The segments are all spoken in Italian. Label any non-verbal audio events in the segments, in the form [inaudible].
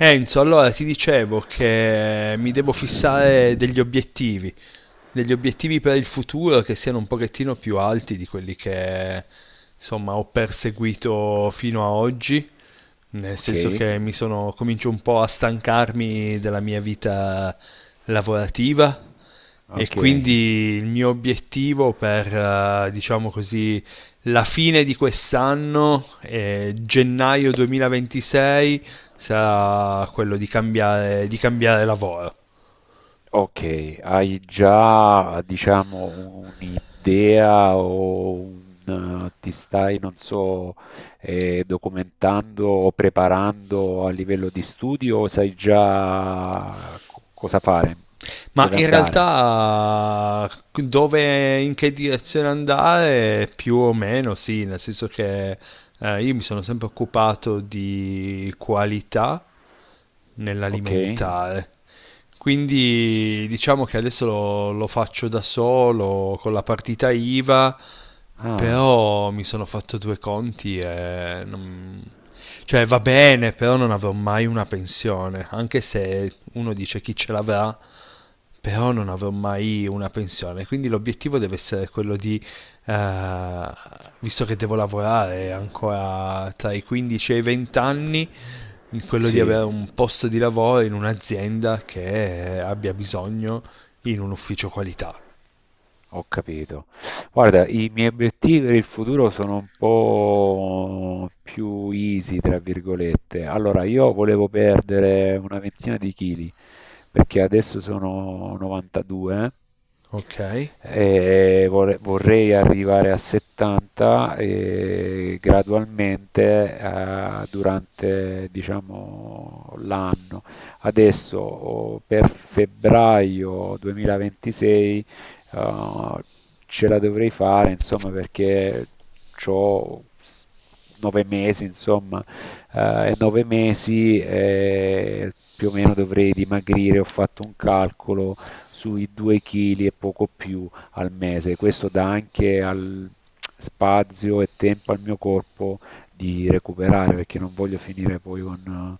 Enzo, allora ti dicevo che mi devo fissare degli obiettivi per il futuro che siano un pochettino più alti di quelli che insomma ho perseguito fino a oggi, nel senso Okay, che comincio un po' a stancarmi della mia vita lavorativa. E okay, quindi il mio obiettivo per, diciamo così, la fine di quest'anno, gennaio 2026, sarà quello di cambiare lavoro. okay. Hai già, diciamo, un'idea o un ti stai, non so, documentando o preparando a livello di studio o sai già co cosa fare, Ma dove in andare? realtà dove, in che direzione andare, più o meno sì, nel senso che io mi sono sempre occupato di qualità Okay. nell'alimentare. Quindi diciamo che adesso lo faccio da solo con la partita IVA, Ah, però mi sono fatto due conti e non. Cioè va bene, però non avrò mai una pensione, anche se uno dice chi ce l'avrà, però non mh. avrò mai una pensione, quindi l'obiettivo deve essere quello di, eh, visto che devo lavorare ancora tra i 15 e i 20 anni, quello di Sì. avere un posto di lavoro in un'azienda che abbia bisogno in un ufficio qualità, Ho capito. Guarda, i miei obiettivi per il futuro sono un po' più easy, tra virgolette. Allora, io volevo perdere una ventina di chili, perché adesso sono 92 ok? e vorrei arrivare a 70 e gradualmente, durante, diciamo, l'anno. Adesso per febbraio 2026 eh, ce la dovrei fare, insomma, perché ho 9 mesi, insomma, e 9 mesi più o meno dovrei dimagrire, ho fatto un calcolo sui 2 kg e poco più al mese. Questo dà anche al spazio e tempo al mio corpo di recuperare, perché non voglio finire poi con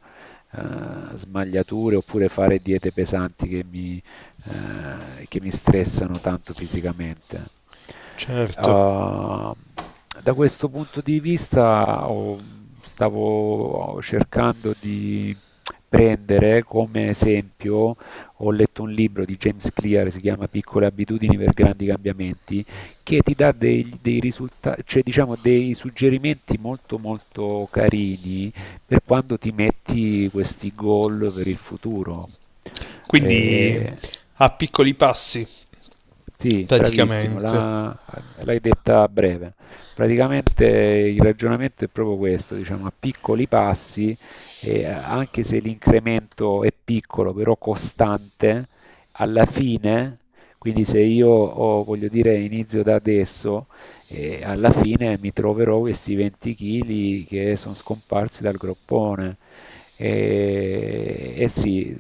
smagliature oppure fare diete pesanti che mi stressano tanto fisicamente. Certo. Uh, Da questo punto di vista stavo cercando di prendere come esempio, ho letto un libro di James Clear, si chiama Piccole abitudini per grandi cambiamenti, che ti dà dei risultati, cioè, diciamo, dei suggerimenti molto molto carini per quando ti metti questi goal per il futuro. Quindi Eh a piccoli passi, sì, bravissimo, praticamente. L'hai detta a breve. Praticamente il ragionamento è proprio questo, diciamo, a piccoli passi, anche se l'incremento è piccolo, però costante, alla fine, quindi se io voglio dire, inizio da adesso, alla fine mi troverò questi 20 kg che sono scomparsi dal groppone. E sì,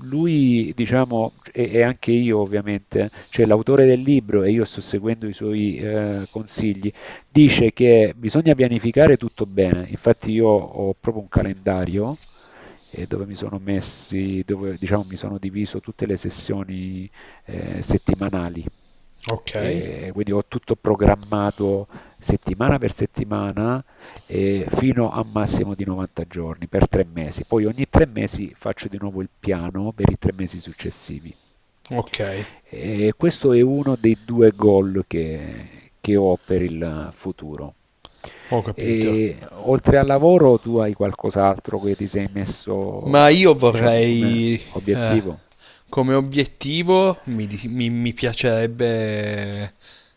lui, diciamo, e anche io, ovviamente, cioè l'autore del libro, e io sto seguendo i suoi consigli, dice che bisogna pianificare tutto bene. Infatti io ho proprio un calendario dove, diciamo, mi sono diviso tutte le sessioni settimanali. Ok, E quindi ho tutto programmato settimana per settimana, fino a un massimo di 90 giorni per 3 mesi. Poi ogni 3 mesi faccio di nuovo il piano per i 3 mesi successivi. ok, E questo è uno dei due goal che ho per il futuro. ho capito. E oltre al lavoro, tu hai qualcos'altro che ti sei Ma messo, io diciamo, come vorrei, eh, obiettivo? come obiettivo, mi piacerebbe,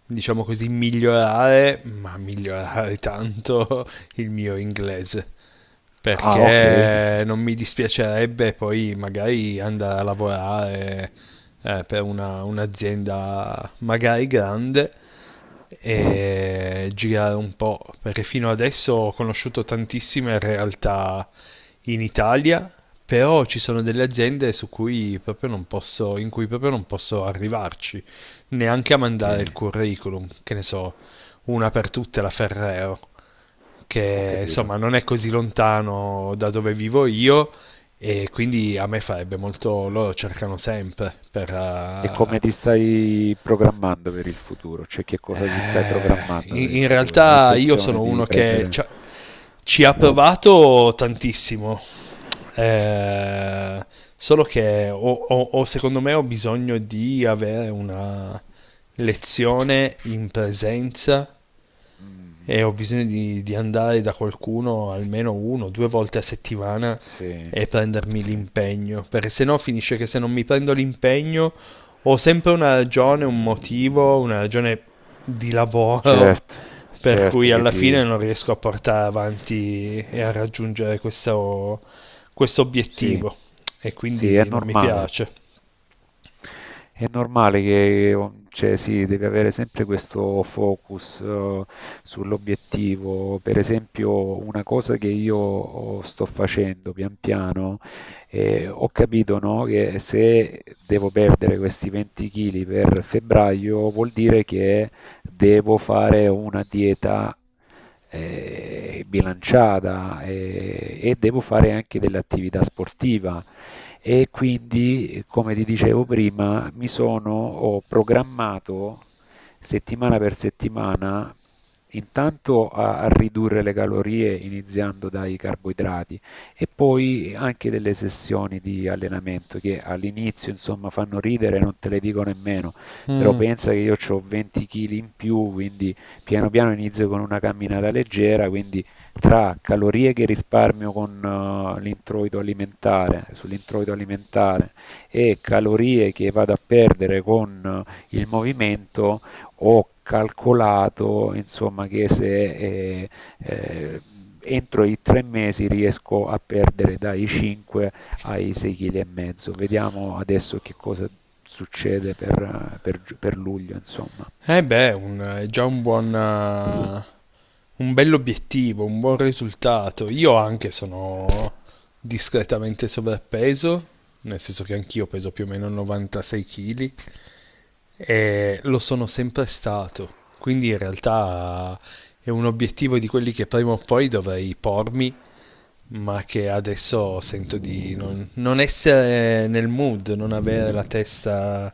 diciamo così, migliorare, ma migliorare [laughs] tanto il mio inglese, Ah, ok. perché non mi dispiacerebbe poi magari andare a lavorare per un'azienda magari grande e girare un po', perché fino adesso ho conosciuto tantissime realtà in Italia, però ci sono delle aziende su cui proprio non posso, in cui proprio non posso arrivarci, neanche a Ok, mandare il curriculum, che ne so, una per tutte la Ferrero, ho che capito. insomma non è così lontano da dove vivo io, e quindi a me farebbe molto, loro cercano sempre per, E come ti stai programmando per il futuro? Cioè, che cosa ti stai programmando per in, il in futuro? Hai realtà io intenzione sono di uno che ci prendere... ha, ci ha provato tantissimo. Eh, Solo che secondo me ho bisogno di avere una lezione in presenza, Mm, e ho bisogno di andare da qualcuno almeno uno o due volte a settimana sì, e prendermi sì. l'impegno, perché se no finisce che se non mi prendo l'impegno ho sempre una ragione, un motivo, una ragione di lavoro Certo, [laughs] per certo cui che alla fine ti... non riesco a portare avanti e a raggiungere questo Sì, obiettivo, e sì, è quindi non mi normale. piace. È normale che, cioè, sì, devi avere sempre questo focus, sull'obiettivo. Per esempio, una cosa che io sto facendo pian piano, ho capito, no, che se devo perdere questi 20 kg per febbraio, vuol dire che devo fare una dieta bilanciata e devo fare anche dell'attività sportiva, e quindi, come ti dicevo prima, ho programmato settimana per settimana, intanto a ridurre le calorie iniziando dai carboidrati, e poi anche delle sessioni di allenamento che all'inizio, insomma, fanno ridere, non te le dico nemmeno, però pensa che io ho 20 kg in più, quindi piano piano inizio con una camminata leggera, quindi tra calorie che risparmio con l'introito alimentare, sull'introito alimentare, e calorie che vado a perdere con il movimento, ho calcolato, insomma, che se eh, entro i 3 mesi riesco a perdere dai 5 ai 6,5 kg. Vediamo adesso che cosa succede per luglio, insomma. E beh, è già un buon, un bell'obiettivo, un buon risultato. Io anche sono discretamente sovrappeso, nel senso che anch'io peso più o meno 96 kg e lo sono sempre stato. Quindi in realtà è un obiettivo di quelli che prima o poi dovrei pormi, ma che adesso sento di non essere nel mood, non avere la testa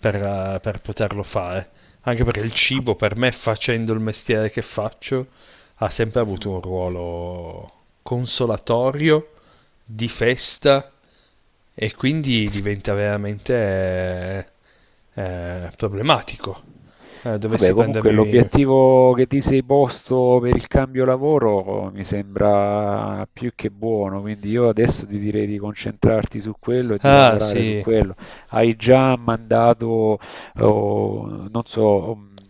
per poterlo fare. Anche perché il Ma- cibo per me, facendo il mestiere che faccio, ha sempre avuto Mhm. un ruolo consolatorio, di festa, e quindi diventa veramente problematico. Eh, Vabbè, dovessi comunque prendermi... l'obiettivo che ti sei posto per il cambio lavoro mi sembra più che buono, quindi io adesso ti direi di concentrarti su quello e di Ah, lavorare su sì, quello. Hai già mandato, oh, non so,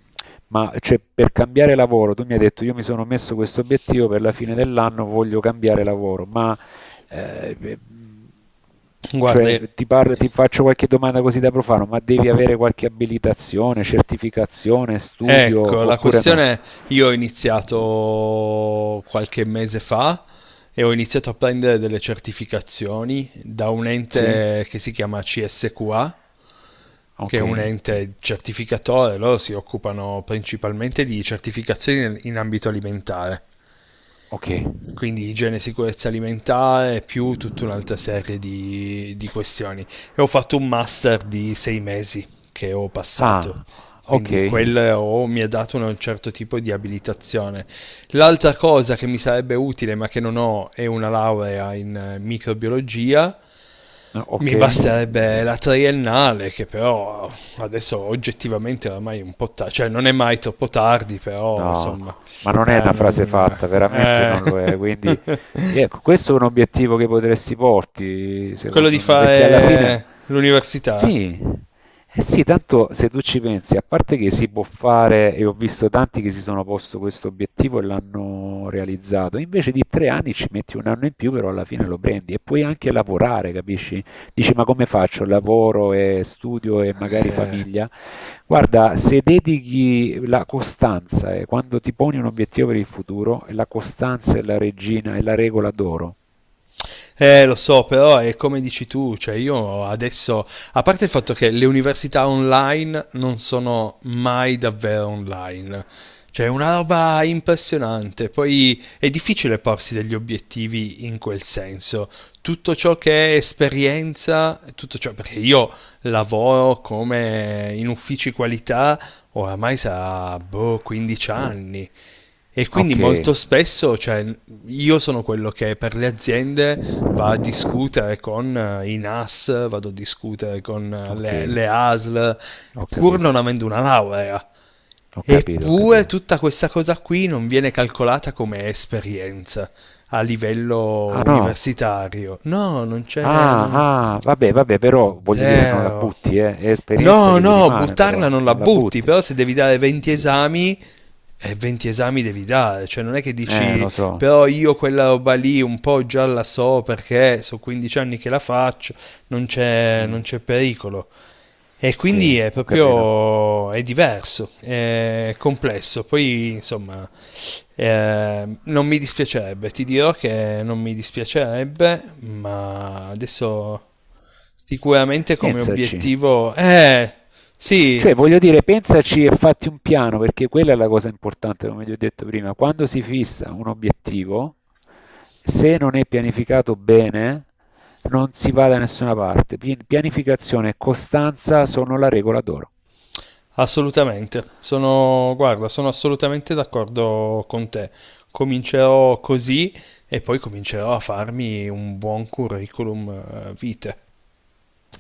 ma, cioè, per cambiare lavoro, tu mi hai detto: io mi sono messo questo obiettivo per la fine dell'anno, voglio cambiare lavoro, ma... Eh, eh, cioè, guarda. ti faccio qualche domanda così, da profano, ma devi avere qualche abilitazione, certificazione, studio Ecco, la oppure no? questione è, io ho iniziato qualche mese fa e ho iniziato a prendere delle certificazioni da un Sì? ente che si chiama CSQA, che Ok. è un ente certificatore, loro si occupano principalmente di certificazioni in ambito alimentare, Ok. quindi igiene e sicurezza alimentare, più tutta un'altra serie di questioni. E ho fatto un master di 6 mesi che ho passato, Ah, ok. quindi quello oh, mi ha dato un certo tipo di abilitazione. L'altra cosa che mi sarebbe utile, ma che non ho, è una laurea in microbiologia. No, ok. Mi basterebbe la triennale, che però adesso oggettivamente oramai è un po' tardi, cioè non è mai troppo tardi, però No, insomma ma non è una frase non... fatta, veramente eh. non lo è. [laughs] Quindi, ecco, questo è un obiettivo che potresti porti, Quello di secondo me, perché alla fine, fare l'università? sì, eh sì, tanto se tu ci pensi, a parte che si può fare, e ho visto tanti che si sono posto questo obiettivo e l'hanno realizzato, invece di 3 anni ci metti un anno in più, però alla fine lo prendi e puoi anche lavorare, capisci? Dici, ma come faccio? Lavoro e studio e magari Eh, famiglia? Guarda, se dedichi la costanza quando ti poni un obiettivo per il futuro, la costanza è la regina, è la regola d'oro. Lo so, però è come dici tu, cioè io adesso, a parte il fatto che le università online non sono mai davvero online, cioè è una roba impressionante, poi è difficile porsi degli obiettivi in quel senso. Tutto ciò che è esperienza, tutto ciò, perché io lavoro come in uffici qualità oramai sarà boh, 15 anni, e quindi Ok, molto spesso, cioè, io sono quello che per le aziende va a discutere con i NAS, vado a discutere con ok, le ASL, ho pur non capito, avendo una laurea. ho capito, ho Eppure capito. tutta questa cosa qui non viene calcolata come esperienza a livello Ah no, universitario. No, non c'è. ah, ah, vabbè, vabbè, però voglio dire, non la Zero. butti, eh. È esperienza No, che ti no, rimane, buttarla però non la non la butti, butti. però se devi dare 20 esami e 20 esami devi dare, cioè non è che dici Lo so, però io quella roba lì un po' già la so perché sono 15 anni che la faccio, non c'è, sì. non c'è pericolo. E quindi Sì, è ho capito. proprio è diverso, è complesso. Poi insomma, non mi dispiacerebbe, ti dirò che non mi dispiacerebbe, ma adesso sicuramente come Pensaci, obiettivo. Sì, cioè voglio dire, pensaci e fatti un piano, perché quella è la cosa importante, come ti ho detto prima, quando si fissa un obiettivo, se non è pianificato bene, non si va da nessuna parte. Pianificazione e costanza sono la regola d'oro. assolutamente, sono, guarda, sono assolutamente d'accordo con te. Comincerò così e poi comincerò a farmi un buon curriculum vitae.